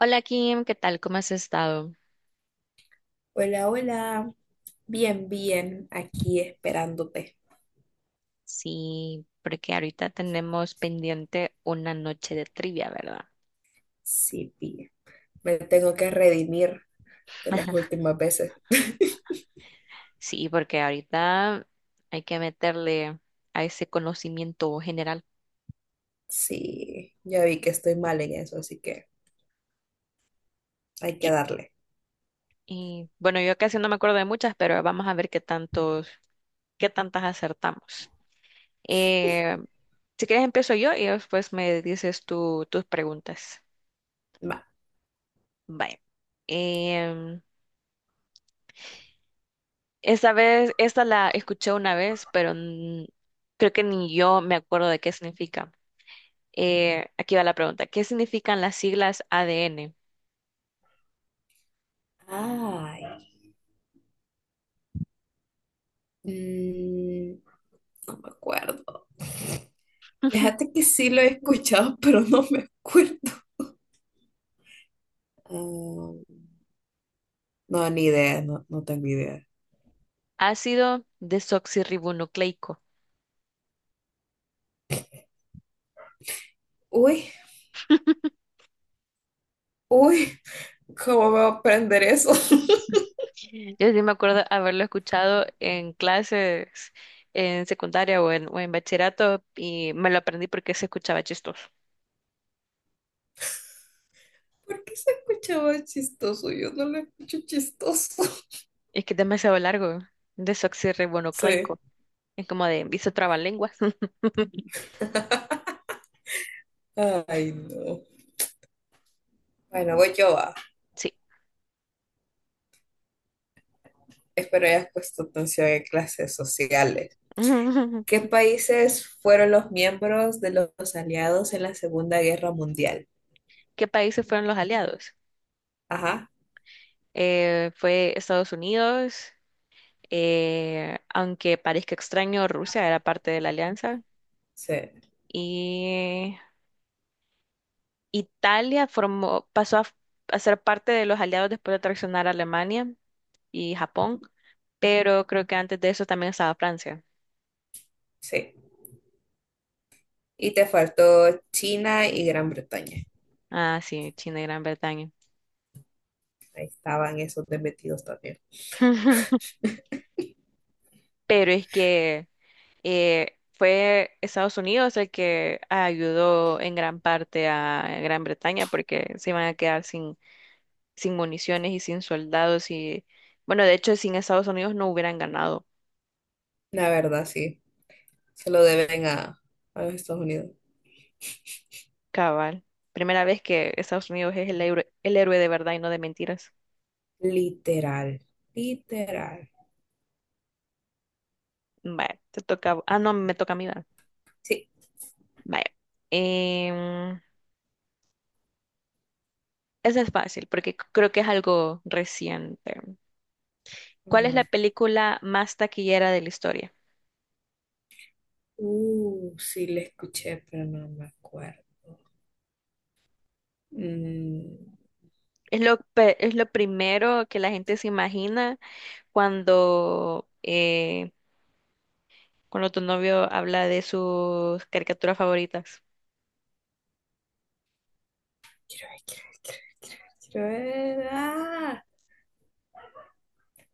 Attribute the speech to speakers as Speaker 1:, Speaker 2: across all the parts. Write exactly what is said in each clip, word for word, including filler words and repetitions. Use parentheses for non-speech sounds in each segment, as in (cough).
Speaker 1: Hola Kim, ¿qué tal? ¿Cómo has estado?
Speaker 2: Hola, hola. Bien, bien, aquí esperándote.
Speaker 1: Sí, porque ahorita tenemos pendiente una noche de trivia, ¿verdad?
Speaker 2: Sí, bien. Me tengo que redimir de las últimas veces. (laughs)
Speaker 1: Sí, porque ahorita hay que meterle a ese conocimiento general.
Speaker 2: Sí, ya vi que estoy mal en eso, así que hay
Speaker 1: Yo-
Speaker 2: que darle.
Speaker 1: Y bueno, yo casi no me acuerdo de muchas, pero vamos a ver qué tantos, qué tantas acertamos. Eh, si quieres empiezo yo y después me dices tú, tus preguntas.
Speaker 2: Va.
Speaker 1: Vaya. Em, Esta vez, esta la escuché una vez, pero n- creo que ni yo me acuerdo de qué significa. Eh, aquí va la pregunta. ¿Qué significan las siglas A D N?
Speaker 2: Ay, mm, no me acuerdo. Fíjate
Speaker 1: (laughs)
Speaker 2: que sí lo he escuchado, (laughs) pero no me acuerdo. Mm, no, ni idea, no, no tengo idea.
Speaker 1: Ácido desoxirribonucleico.
Speaker 2: Uy,
Speaker 1: (laughs)
Speaker 2: uy, ¿cómo voy a aprender eso? (laughs)
Speaker 1: Yo sí me acuerdo haberlo escuchado en clases en secundaria o en, o en bachillerato y me lo aprendí porque se escuchaba chistoso.
Speaker 2: ¿Por qué se escuchaba chistoso? Yo no lo escucho chistoso. (laughs)
Speaker 1: Es que es demasiado largo,
Speaker 2: Sí.
Speaker 1: desoxirribonucleico. Es como de, hizo trabalenguas. (laughs)
Speaker 2: Ay, no. Bueno, voy yo a.
Speaker 1: Sí.
Speaker 2: Espero hayas puesto atención en clases sociales. ¿Qué
Speaker 1: (laughs)
Speaker 2: países fueron los miembros de los aliados en la Segunda Guerra Mundial?
Speaker 1: ¿Qué países fueron los aliados?
Speaker 2: Ajá,
Speaker 1: Eh, fue Estados Unidos, eh, aunque parezca extraño, Rusia era parte de la alianza,
Speaker 2: sí,
Speaker 1: y Italia formó, pasó a, f- a ser parte de los aliados después de traicionar a Alemania y Japón, pero creo que antes de eso también estaba Francia.
Speaker 2: sí. Y te faltó China y Gran Bretaña.
Speaker 1: Ah, sí, China y Gran Bretaña.
Speaker 2: Ahí estaban esos de metidos también.
Speaker 1: (laughs) Pero es que eh, fue Estados Unidos el que ayudó en gran parte a Gran Bretaña porque se iban a quedar sin sin municiones y sin soldados y bueno, de hecho sin Estados Unidos no hubieran ganado,
Speaker 2: La verdad, sí. Se lo deben a, a los Estados Unidos.
Speaker 1: cabal. Primera vez que Estados Unidos es el, héroe- el héroe de verdad y no de mentiras.
Speaker 2: Literal, literal.
Speaker 1: Vaya, te toca, ah, no, me toca a mí, ¿verdad?
Speaker 2: Sí.
Speaker 1: Vaya. Em, Esa es fácil porque c- creo que es algo reciente. ¿Cuál es
Speaker 2: Ujú.
Speaker 1: la película más taquillera de la historia?
Speaker 2: Uh, sí, la escuché, pero no me acuerdo. Mm,
Speaker 1: Es lo, pe- es lo primero que la gente se imagina cuando, eh, cuando tu novio habla de sus caricaturas favoritas.
Speaker 2: Quiero ver, quiero ver, quiero ver, quiero ver, quiero ver. Ah,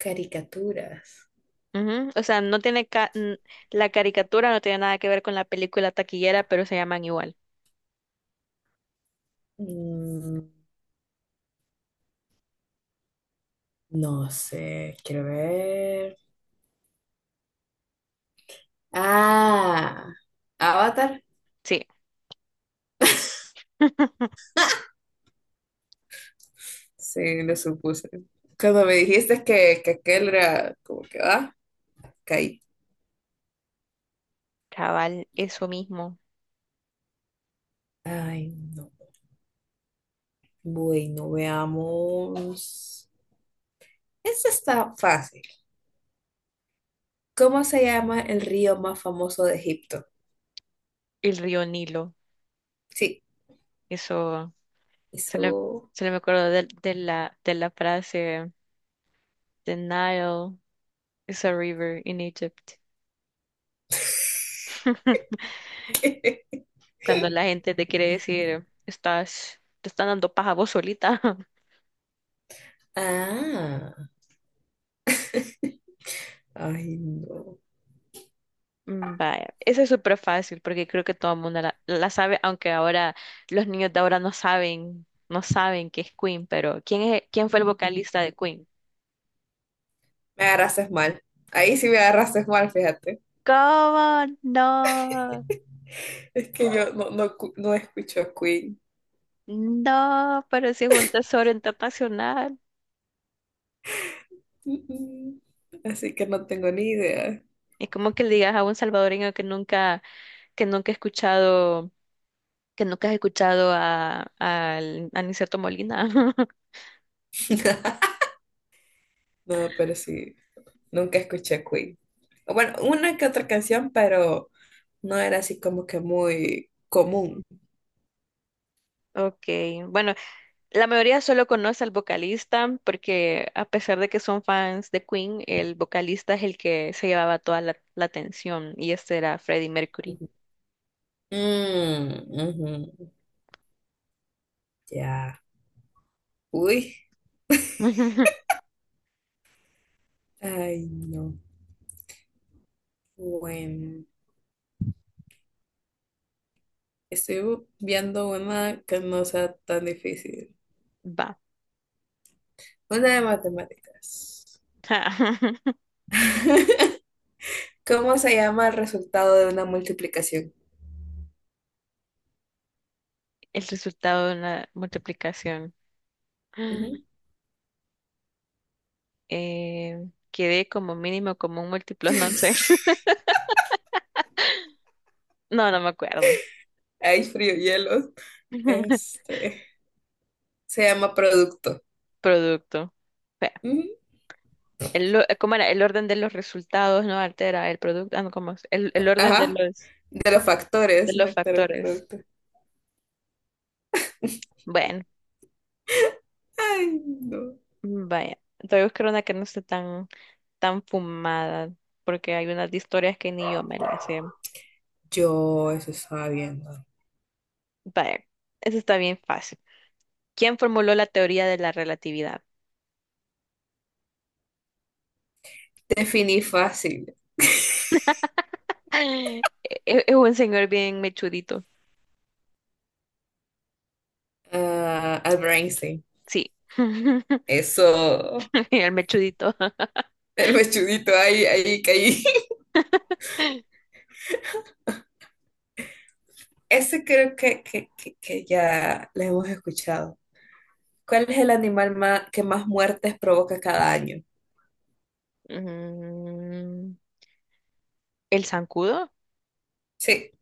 Speaker 2: caricaturas.
Speaker 1: Ujú. O sea, no tiene ca- n- la caricatura no tiene nada que ver con la película taquillera, pero se llaman igual.
Speaker 2: Mm, no sé, quiero ver. Ah, Avatar.
Speaker 1: Sí, (laughs)
Speaker 2: Sí, lo supuse. Cuando me dijiste que, que aquel era como que, ah, caí.
Speaker 1: cabal, eso mismo,
Speaker 2: Ay, no. Bueno, veamos. Esta está fácil. ¿Cómo se llama el río más famoso de Egipto?
Speaker 1: el río Nilo.
Speaker 2: Sí,
Speaker 1: Eso, solo,
Speaker 2: eso.
Speaker 1: solo me acuerdo de, de la, de la frase, The Nile is a river in Egypt.
Speaker 2: (laughs)
Speaker 1: (laughs) Cuando la gente te quiere decir, estás, te están dando paja vos solita.
Speaker 2: Ah, ay, no.
Speaker 1: Mm, vaya, eso es súper fácil porque creo que todo el mundo la, la sabe, aunque ahora los niños de ahora no saben, no saben que es Queen, pero ¿quién es, ¿quién fue el vocalista de Queen?
Speaker 2: Me agarraste mal. Ahí sí me agarraste mal, fíjate.
Speaker 1: ¿Cómo? No,
Speaker 2: Es que yo no, no, cu- no escucho Queen.
Speaker 1: no, pero si es un tesoro internacional.
Speaker 2: Mm, mm. Así que no tengo ni idea.
Speaker 1: Es como que le digas a un salvadoreño que nunca, que nunca ha escuchado, que nunca has escuchado a, al- a Aniceto Molina. (laughs)
Speaker 2: (laughs) No, pero sí, nunca escuché Queen. Bueno, una que otra canción, pero no era así como que muy común.
Speaker 1: Ok, bueno, la mayoría solo conoce al vocalista porque a pesar de que son fans de Queen, el vocalista es el que se llevaba toda la, la atención y este era Freddie Mercury.
Speaker 2: Ujú. Mm, ujú. Ya. Uy.
Speaker 1: (laughs)
Speaker 2: Ay, no. Bueno. Estoy viendo una que no sea tan difícil.
Speaker 1: Va.
Speaker 2: Una de matemáticas.
Speaker 1: (laughs)
Speaker 2: ¿Cómo se llama el resultado de una multiplicación?
Speaker 1: El resultado de una multiplicación.
Speaker 2: Ujú.
Speaker 1: (gasps) Eh, Quedé como mínimo como un múltiplo, no sé. (laughs) No, no me acuerdo.
Speaker 2: Ay, frío hielos.
Speaker 1: (laughs)
Speaker 2: Este, se llama producto.
Speaker 1: Producto. Espera,
Speaker 2: Ujú.
Speaker 1: El, lo- ¿cómo era? El orden de los resultados no altera el producto. Ah, no, ¿cómo es? El, el orden de
Speaker 2: Ajá.
Speaker 1: los,
Speaker 2: De los
Speaker 1: de
Speaker 2: factores, no
Speaker 1: los
Speaker 2: de los
Speaker 1: factores.
Speaker 2: productos.
Speaker 1: Bueno.
Speaker 2: Ay, no.
Speaker 1: Vaya, voy a buscar una que no esté tan, tan fumada, porque hay unas de historias que ni yo me las sé.
Speaker 2: Yo eso estaba viendo.
Speaker 1: Vaya, eso está bien fácil. ¿Quién formuló la teoría de la relatividad?
Speaker 2: Definí fácil. (laughs)
Speaker 1: (gasps) (laughs) Es es un señor bien mechudito.
Speaker 2: Ah, Albert Einstein.
Speaker 1: Sí, (laughs)
Speaker 2: Eso.
Speaker 1: el mechudito.
Speaker 2: El mechudito ahí, ahí caí. Ese creo que, que, que- que ya lo hemos escuchado. ¿Cuál es el animal ma- que más muertes provoca cada año?
Speaker 1: Mm, ¿el zancudo?
Speaker 2: Sí,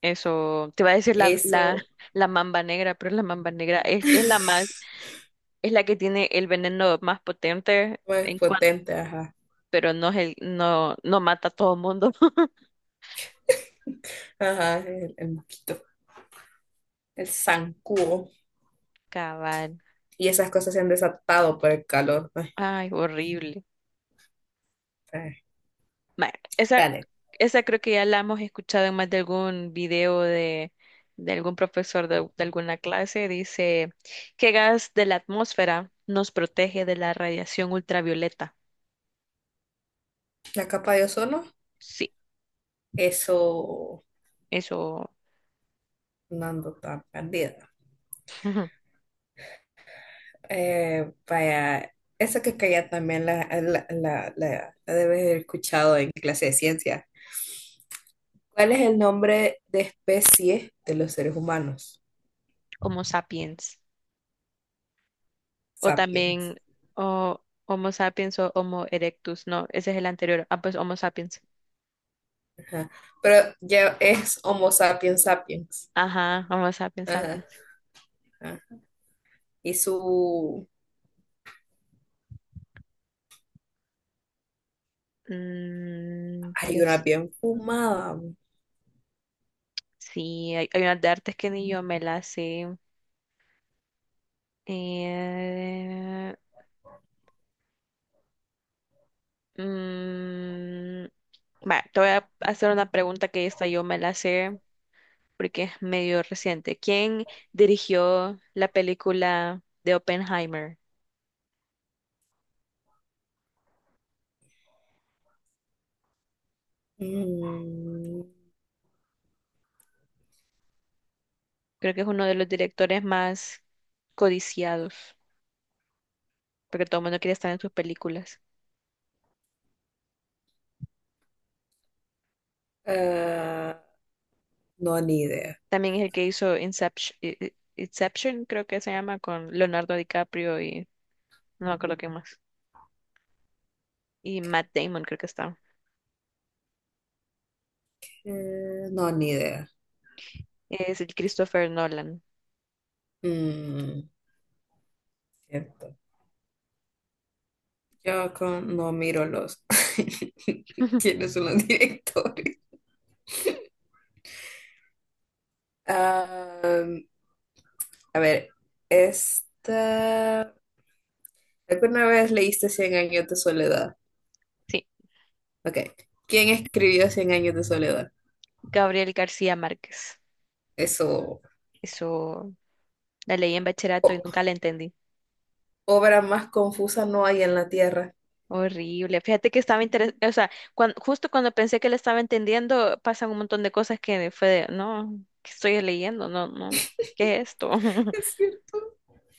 Speaker 1: Eso, te iba a decir la, la,
Speaker 2: eso.
Speaker 1: la mamba negra, pero la mamba negra es, es la más,
Speaker 2: (laughs)
Speaker 1: es la que tiene el veneno más potente
Speaker 2: Más
Speaker 1: en cuanto,
Speaker 2: potente, ajá.
Speaker 1: pero no es el, no, no mata a todo mundo.
Speaker 2: Ajá, el, el mosquito, el zancudo.
Speaker 1: Cabal.
Speaker 2: Y esas cosas se han desatado por el calor. Ay,
Speaker 1: Ay, horrible.
Speaker 2: ay.
Speaker 1: Bueno, esa,
Speaker 2: Dale,
Speaker 1: esa creo que ya la hemos escuchado en más de algún video de, de algún profesor de, de alguna clase. Dice, ¿qué gas de la atmósfera nos protege de la radiación ultravioleta?
Speaker 2: la capa de ozono,
Speaker 1: Sí,
Speaker 2: eso,
Speaker 1: eso.
Speaker 2: no ando tan perdida.
Speaker 1: (laughs)
Speaker 2: Eh, vaya, eso que ya también la, la, la, la- la debes haber escuchado en clase de ciencia. ¿Cuál es el nombre de especie de los seres humanos?
Speaker 1: Homo sapiens. O
Speaker 2: Sapiens.
Speaker 1: también o, Homo sapiens o Homo erectus. No, ese es el anterior. Ah, pues Homo sapiens.
Speaker 2: Ajá. Pero ya es Homo sapiens sapiens.
Speaker 1: Ajá, Homo sapiens
Speaker 2: Ajá,
Speaker 1: sapiens.
Speaker 2: ajá. Y su...
Speaker 1: Mm,
Speaker 2: Hay una
Speaker 1: pues
Speaker 2: bien fumada.
Speaker 1: sí, hay, hay unas de artes que ni yo me las sé. Eh, mm, Va, te voy a hacer una pregunta que esta yo me la sé porque es medio reciente. ¿Quién dirigió la película de Oppenheimer?
Speaker 2: Mm,
Speaker 1: Creo que es uno de los directores más codiciados porque todo el mundo quiere estar en sus películas.
Speaker 2: ah, no, ni idea.
Speaker 1: También es el que hizo Inception, eh, eh, Inception, creo que se llama, con Leonardo DiCaprio y no me acuerdo qué más. Y Matt Damon creo que está.
Speaker 2: Eh, no, ni idea.
Speaker 1: Es el Christopher Nolan.
Speaker 2: Mm, Cierto. Yo con- no miro los... (laughs)
Speaker 1: (laughs)
Speaker 2: ¿Quiénes son los directores? Ah, a ver, esta... ¿Alguna vez leíste Cien años de soledad?
Speaker 1: Sí,
Speaker 2: Ok. ¿Quién escribió Cien años de soledad?
Speaker 1: Gabriel García Márquez.
Speaker 2: Eso,
Speaker 1: Eso la leí en bachillerato y
Speaker 2: o-
Speaker 1: nunca la entendí.
Speaker 2: obra más confusa no hay en la tierra.
Speaker 1: Horrible. Fíjate que estaba interesante, o sea, cuan- justo cuando pensé que la estaba entendiendo, pasan un montón de cosas que fue de, no, ¿qué estoy leyendo? No, no, ¿qué es esto?
Speaker 2: (laughs)
Speaker 1: (laughs)
Speaker 2: Es cierto,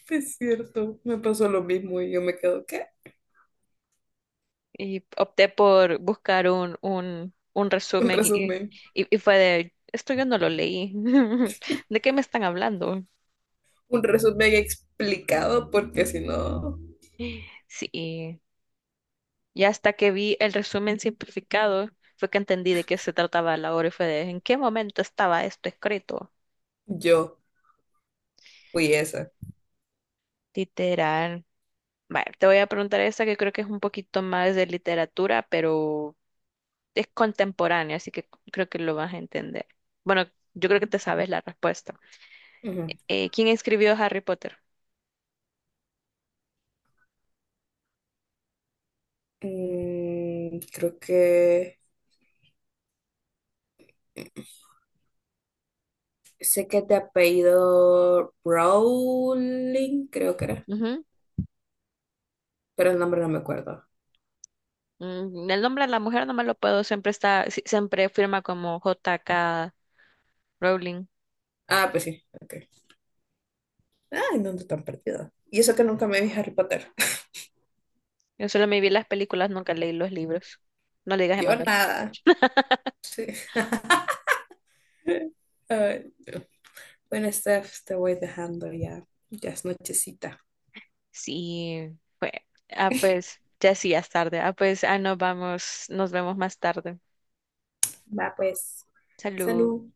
Speaker 2: es cierto. Me pasó lo mismo y yo me quedo, ¿qué?
Speaker 1: Y opté por buscar un, un, un
Speaker 2: Un
Speaker 1: resumen y,
Speaker 2: resumen.
Speaker 1: y, y fue de, esto yo no lo leí. (laughs) ¿De qué me están hablando?
Speaker 2: Un resumen explicado porque si no,
Speaker 1: Sí. Y hasta que vi el resumen simplificado, fue que entendí de qué se trataba la obra y fue de en qué momento estaba esto escrito.
Speaker 2: yo fui esa.
Speaker 1: Literal. Vale, te voy a preguntar esta que creo que es un poquito más de literatura, pero es contemporánea, así que creo que lo vas a entender. Bueno, yo creo que te sabes la respuesta.
Speaker 2: Ujú.
Speaker 1: Eh, ¿quién escribió Harry Potter?
Speaker 2: Mm, creo que sé que te apellido Rowling, creo que era,
Speaker 1: Ujú.
Speaker 2: pero el nombre no me acuerdo.
Speaker 1: Mm, el nombre de la mujer no me lo puedo, siempre está, si- siempre firma como J K Rowling.
Speaker 2: Ah, pues sí, ok. Ah, ¿en dónde están perdidas? Y eso que nunca me vi Harry Potter. (laughs)
Speaker 1: Yo solo me vi las películas, nunca leí los libros. No le digas a
Speaker 2: Yo nada. Sí. (laughs) Ay, no. Bueno, Steph, te voy dejando ya. Ya es nochecita.
Speaker 1: Sí, pues, ah, pues, ya sí, ya es tarde. Ah, pues, ah, nos vamos, nos vemos más tarde.
Speaker 2: Va, pues.
Speaker 1: Salud.
Speaker 2: Salud.